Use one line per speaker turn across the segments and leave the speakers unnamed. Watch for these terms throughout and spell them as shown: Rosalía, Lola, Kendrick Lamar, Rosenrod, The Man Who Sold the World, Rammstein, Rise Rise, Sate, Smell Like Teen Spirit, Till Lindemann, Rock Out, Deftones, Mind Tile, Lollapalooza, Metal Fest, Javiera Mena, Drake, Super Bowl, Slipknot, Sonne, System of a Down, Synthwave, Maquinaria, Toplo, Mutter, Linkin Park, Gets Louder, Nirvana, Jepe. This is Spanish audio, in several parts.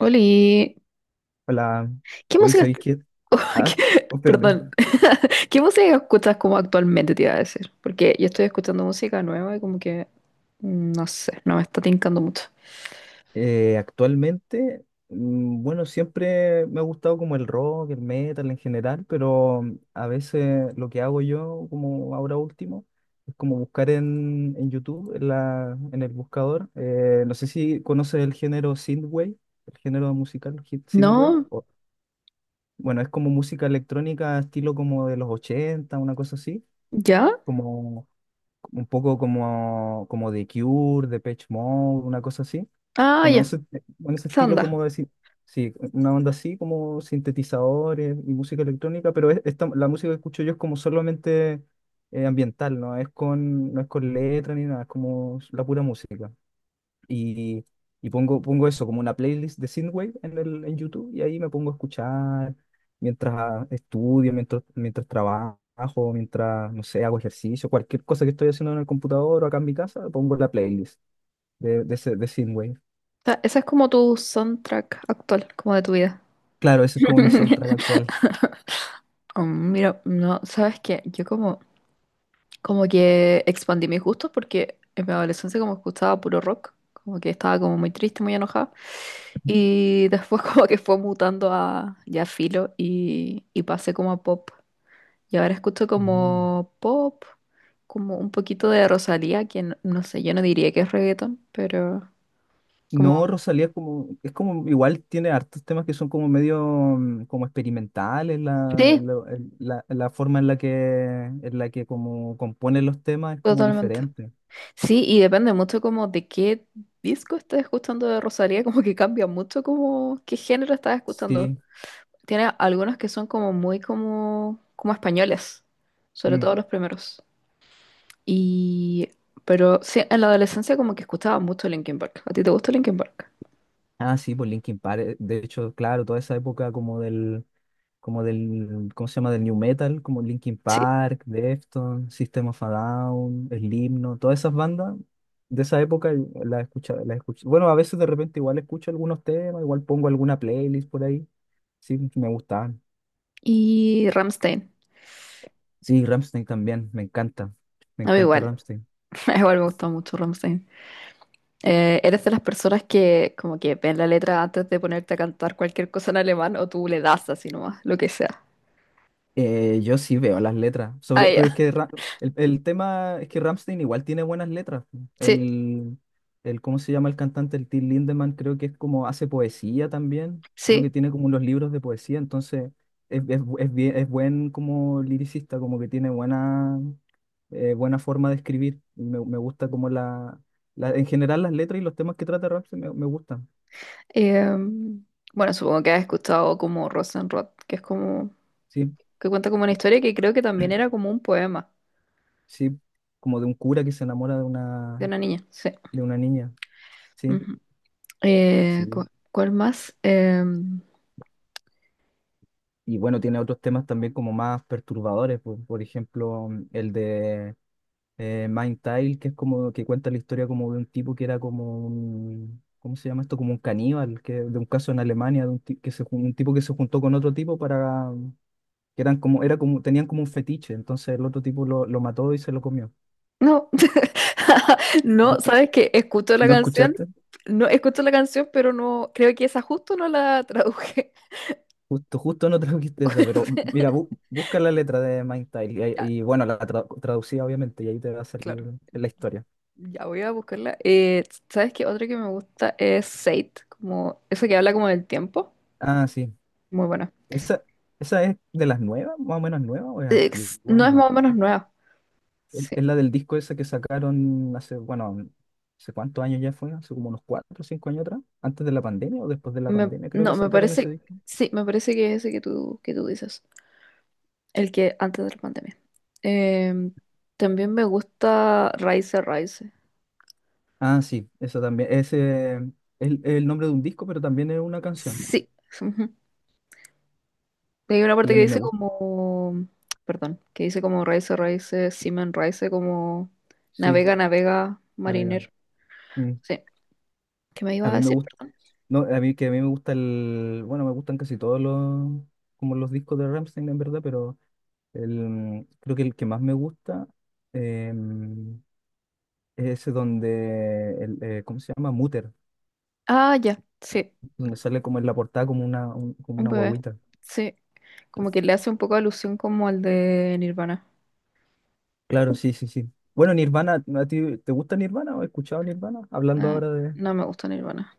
Oli,
Hola,
¿qué
hoy
música?
soy Kid. Ah,
¿Qué-
oh, perdón.
Perdón, ¿qué música escuchas como actualmente te iba a decir? Porque yo estoy escuchando música nueva y como que, no sé, no me está tincando mucho.
Actualmente, bueno, siempre me ha gustado como el rock, el metal en general, pero a veces lo que hago yo, como ahora último, es como buscar en YouTube, en el buscador. No sé si conoces el género synthwave, el género musical hit synthwave.
¿No?
Bueno, es como música electrónica, estilo como de los ochenta, una cosa así,
¿Ya?
como un poco como The Cure, Depeche Mode, una cosa así,
Ah,
con
ya,
ese, con ese
esa
estilo,
onda.
como decir, sí, una onda así, como sintetizadores y música electrónica, pero la música que escucho yo es como solamente ambiental, no es con letra ni nada, es como la pura música. Y, pongo eso como una playlist de Synthwave en YouTube, y ahí me pongo a escuchar mientras estudio, mientras trabajo, mientras, no sé, hago ejercicio, cualquier cosa que estoy haciendo en el computador o acá en mi casa. Pongo la playlist de Synthwave.
O sea, esa es como tu soundtrack actual, como de tu vida.
Claro, ese es como mi soundtrack actual.
Mm, mira, no, ¿sabes qué? Yo como como que expandí mis gustos porque en mi adolescencia como escuchaba puro rock, como que estaba como muy triste, muy enojada. Y después como que fue mutando a ya filo y pasé como a pop. Y ahora escucho
Mm.
como pop, como un poquito de Rosalía, que no, no sé, yo no diría que es reggaeton, pero como...
No, Rosalía es como, igual tiene hartos temas que son como medio, como experimentales.
Sí,
La forma en la que como compone los temas es como
totalmente.
diferente.
Sí, y depende mucho como de qué disco estés escuchando de Rosalía, como que cambia mucho como qué género estás escuchando.
Sí.
Tiene algunos que son como muy como, como españoles, sobre
Mm.
todo los primeros. Y, pero sí, en la adolescencia como que escuchaba mucho Linkin Park. ¿A ti te gusta Linkin Park?
Ah, sí, por Linkin Park. De hecho, claro, toda esa época como del, ¿cómo se llama? Del New Metal, como Linkin
Sí.
Park, Deftones, System of a Down, Slipknot, todas esas bandas de esa época, las escucha. Bueno, a veces de repente igual escucho algunos temas, igual pongo alguna playlist por ahí. Sí, me gustaban.
Y Rammstein.
Sí, Rammstein también, me encanta. Me
A mí
encanta
igual,
Rammstein.
igual me gustó mucho Rammstein. ¿Eres de las personas que como que ven la letra antes de ponerte a cantar cualquier cosa en alemán o tú le das así nomás, lo que sea?
Yo sí veo las letras,
Ah,
sobre,
ya.
pero es que el tema es que Rammstein igual tiene buenas letras.
Sí,
El, el, ¿cómo se llama el cantante? El Till Lindemann, creo que es como hace poesía también. Creo que
sí.
tiene como unos libros de poesía, entonces es, bu- es bien- es buen como liricista, como que tiene buena, buena forma de escribir. Y me gusta como en general las letras y los temas que trata Rammstein, me gustan.
Em, bueno, supongo que has escuchado como Rosenrod, que es como,
Sí,
que cuenta como una historia que creo que también era como un poema
sí, como de un cura que se enamora
de una niña, sí.
de una niña. Sí.
Ujú. Eh,
Sí.
cu- ¿Cuál más?
Y bueno, tiene otros temas también como más perturbadores, por ejemplo, el de Mind Tile, que es como que cuenta la historia como de un tipo que era como un, ¿cómo se llama esto? Como un caníbal, que de un caso en Alemania, de un, ti- que se, jun- un tipo que se juntó con otro tipo para, que eran como, era como, tenían como un fetiche, entonces el otro tipo lo mató y se lo comió.
No, no,
¿No,
sabes que escucho la
no
canción,
escuchaste?
no escucho la canción, pero no, creo que esa justo no la traduje.
Justo, justo no trajiste esa, pero mira, busca la letra de Mind Tile y,
Ya,
y bueno, traducida obviamente, y ahí te va a
claro.
salir la historia.
Ya voy a buscarla. ¿Sabes qué? Otra que me gusta es Sate, como esa que habla como del tiempo.
Ah, sí.
Muy buena.
Esa, esa es de las nuevas, más o menos nueva, o es
Ex-
antigua
no es
nomás.
más o menos nueva. Sí.
Es la del disco ese que sacaron hace, bueno, hace cuántos años ya fue, hace como unos 4 o 5 años atrás, antes de la pandemia o después de la
Me-
pandemia, creo que
no, me
sacaron ese
parece.
disco.
Sí, me parece que es ese que tú dices. El que antes de la pandemia. Em, también me gusta Rise Rise.
Ah, sí, eso también. Ese es el nombre de un disco, pero también es una canción.
Sí, ujú. Hay una
Y
parte
a
que
mí me
dice
gusta,
como. Perdón, que dice como Rise Rise, Seaman Rise, como
sí,
navega, navega,
a mí,
mariner.
mm,
Sí. ¿Qué me
a
iba a
mí me
decir?
gusta, no, a mí que a mí me gusta el, bueno, me gustan casi todos los, como los discos de Rammstein en verdad, pero el, creo que el que más me gusta em, es ese donde, el, ¿cómo se llama? Mutter,
Ah, ya, sí,
donde sale como en la portada como como
un
una
bebé.
guagüita.
Sí, como que le hace un poco alusión como al de Nirvana.
Claro, sí, sí, sí. Bueno, Nirvana, ¿a ti te gusta Nirvana o has escuchado Nirvana? Hablando
Ah,
ahora de...
no me gusta Nirvana.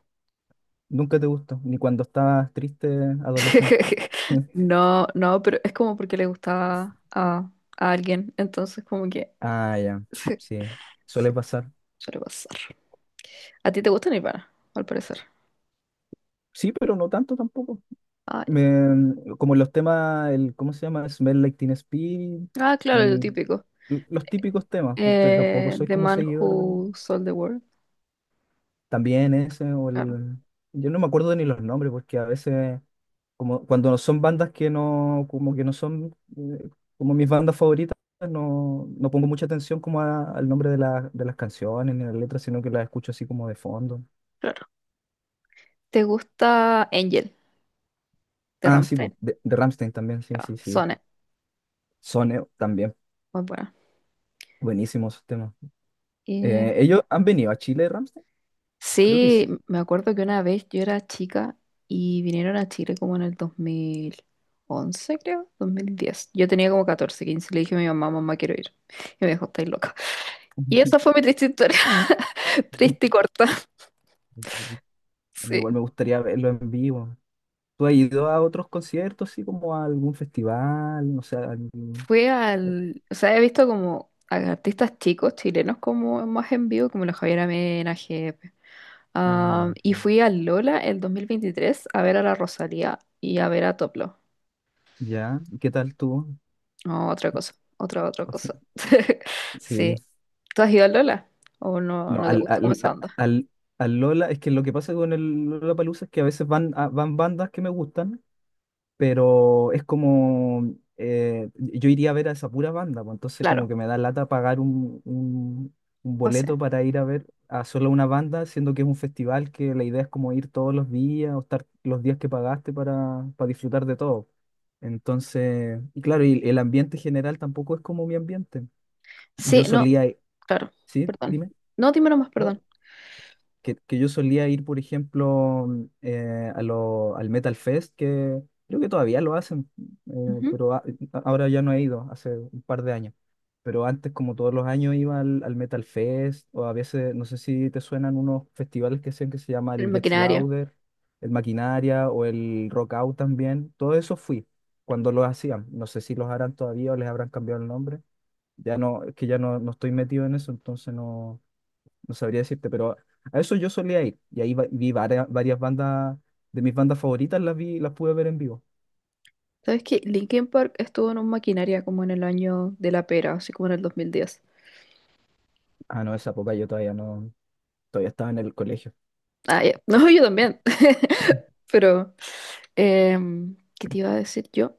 Nunca te gustó, ni cuando estabas triste, adolescente.
No, no, pero es como porque le gustaba a alguien, entonces como que
Ah, ya,
sí,
sí, suele
sí,
pasar.
suele pasar. ¿A ti te gusta Nirvana, al parecer?
Sí, pero no tanto tampoco.
Ah, ya.
Como los temas, el, ¿cómo se llama? Smell Like Teen Spirit
Ah, claro, lo
y
típico.
los típicos temas. Usted tampoco soy
The
como
Man
seguidor de...
Who Sold the World.
también ese o
Claro,
el... Yo no me acuerdo ni los nombres porque a veces, como cuando son bandas que no, como que no son, como mis bandas favoritas, no, no pongo mucha atención como al nombre de las canciones ni las letras, sino que las escucho así como de fondo.
claro. ¿Te gusta Angel de
Ah, sí, po,
Rammstein?
de Rammstein también, sí,
Ah,
sí, sí.
Sonne,
Son, también
muy buena.
buenísimos esos temas. ¿Ellos han venido a Chile, Ramstein? Creo que
Sí,
sí.
me acuerdo que una vez yo era chica y vinieron a Chile como en el 2011, creo, 2010. Yo tenía como 14, 15. Y le dije a mi mamá, mamá, quiero ir. Y me dijo, estáis loca. Y esa fue mi triste historia, triste y corta.
A mí
Sí,
igual me gustaría verlo en vivo. ¿Tú has ido a otros conciertos, así como a algún festival? No sé, a algún...
fue al, o sea, he visto como a artistas chicos chilenos como más en vivo, como la Javiera Mena, Jepe.
Ah,
Am,
ya.
y fui al Lola el 2023 a ver a la Rosalía y a ver a Toplo.
Ya, ¿y qué tal tú?
No, otra cosa, otra cosa.
Sí,
Sí. ¿Tú has ido al Lola? ¿O no,
no,
no te gusta cómo se anda?
al Lola, es que lo que pasa con el Lollapalooza es que a veces van, van bandas que me gustan, pero es como, yo iría a ver a esa pura banda, pues, entonces como
Claro,
que me da lata pagar un boleto
pase.
para ir a ver a solo una banda, siendo que es un festival que la idea es como ir todos los días o estar los días que pagaste para disfrutar de todo. Entonces, y claro, y el ambiente general tampoco es como mi ambiente. Yo
Sí, no,
solía, i-
claro,
sí,
perdón.
dime.
No, dime nomás,
¿No?
perdón.
Que yo solía ir, por ejemplo, al Metal Fest, que creo que todavía lo hacen, eh,
Ujú.
pero a- ahora ya no he ido, hace un par de años. Pero antes, como todos los años, iba al Metal Fest, o a veces, no sé si te suenan unos festivales que hacen que se llama
El
el Gets
maquinaria.
Louder, el Maquinaria o el Rock Out también. Todo eso fui cuando los hacían. No sé si los harán todavía o les habrán cambiado el nombre. Ya no, es que ya no, no estoy metido en eso, entonces no, no sabría decirte, pero a eso yo solía ir. Y ahí vi varias, varias bandas, de mis bandas favoritas las vi, las pude ver en vivo.
¿Sabes qué? Linkin Park estuvo en un maquinaria como en el año de la pera, así como en el 2010.
Ah, no, esa época yo todavía no, todavía estaba en el colegio.
Ah, ya. No, yo también. Pero, ¿qué te iba a decir yo?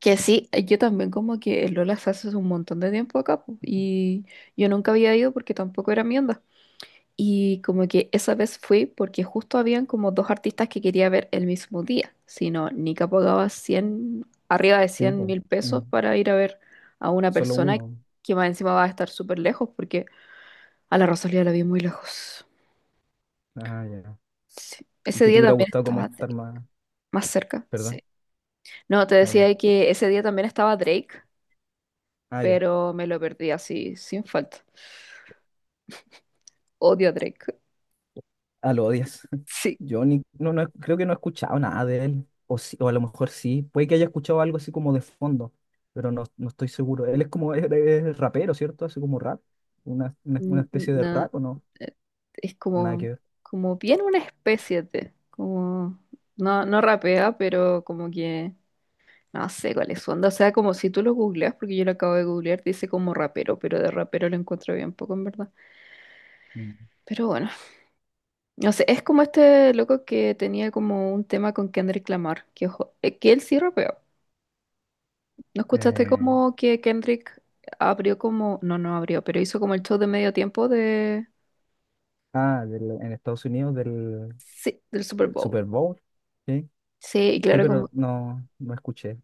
Que sí, yo también como que el Lola se hace un montón de tiempo acá po, y yo nunca había ido porque tampoco era mi onda. Y como que esa vez fui porque justo habían como dos artistas que quería ver el mismo día. Si no, Nika pagaba 100 arriba de
Sí,
cien
po.
mil pesos
Mm,
para ir a ver a una
solo
persona
uno.
que más encima va a estar súper lejos porque a la Rosalía la vi muy lejos.
Ah, ya.
Sí.
Y
Ese
que te
día
hubiera
también
gustado como
estaba
estar
Drake,
más,
más cerca.
¿verdad?
Sí. No, te
Ah, ya.
decía que ese día también estaba Drake,
Ah, ya.
pero me lo perdí así, sin falta. Odio a Drake.
Ah, lo odias.
Sí.
Yo ni, no, no, creo que no he escuchado nada de él. O, sí, o a lo mejor sí. Puede que haya escuchado algo así como de fondo, pero no, no estoy seguro. Él es como es rapero, ¿cierto? Hace como rap. Una
n-
especie de
na-
rap, o no.
eh, es
O nada
como,
que ver.
como bien una especie de, como, no, no rapea, pero como que, no sé cuál es su onda. O sea, como si tú lo googleas, porque yo lo acabo de googlear, dice como rapero, pero de rapero lo encuentro bien poco, en verdad.
Mm.
Pero bueno, no sé, es como este loco que tenía como un tema con Kendrick Lamar, que, ojo, que él sí rapeó. ¿No escuchaste
Eh,
como que Kendrick abrió como, no, no abrió, pero hizo como el show de medio tiempo de,
ah, en Estados Unidos del,
sí, del Super
del
Bowl?
Super Bowl. Sí,
Sí, y
sí,
claro,
pero no, no escuché.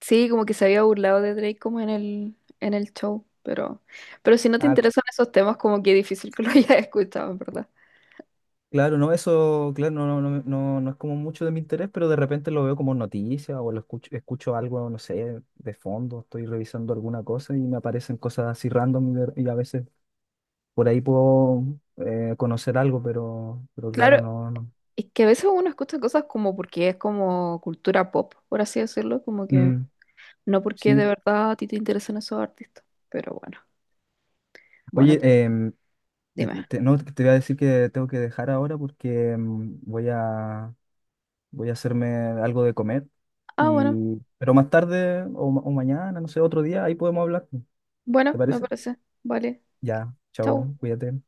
Sí, como que se había burlado de Drake como en el show, pero si no te
Ah, c-
interesan esos temas, como que es difícil que lo hayas escuchado, en verdad.
claro, no, eso, claro, no, no, no, no, no es como mucho de mi interés, pero de repente lo veo como noticia o lo escucho, escucho algo, no sé, de fondo, estoy revisando alguna cosa y me aparecen cosas así random, y a veces por ahí puedo, conocer algo, pero
Claro,
claro, no, no.
es que a veces uno escucha cosas como porque es como cultura pop, por así decirlo, como que
Mm,
no porque de
sí.
verdad a ti te interesan esos artistas, pero bueno, bueno,
Oye,
te-
em, Te,
dime.
te- no, te voy a decir que tengo que dejar ahora porque voy a hacerme algo de comer.
Ah, bueno,
Y, pero más tarde o, o mañana, no sé, otro día, ahí podemos hablar. ¿Te
bueno, me
parece?
parece. Vale,
Ya,
chau.
chao, cuídate.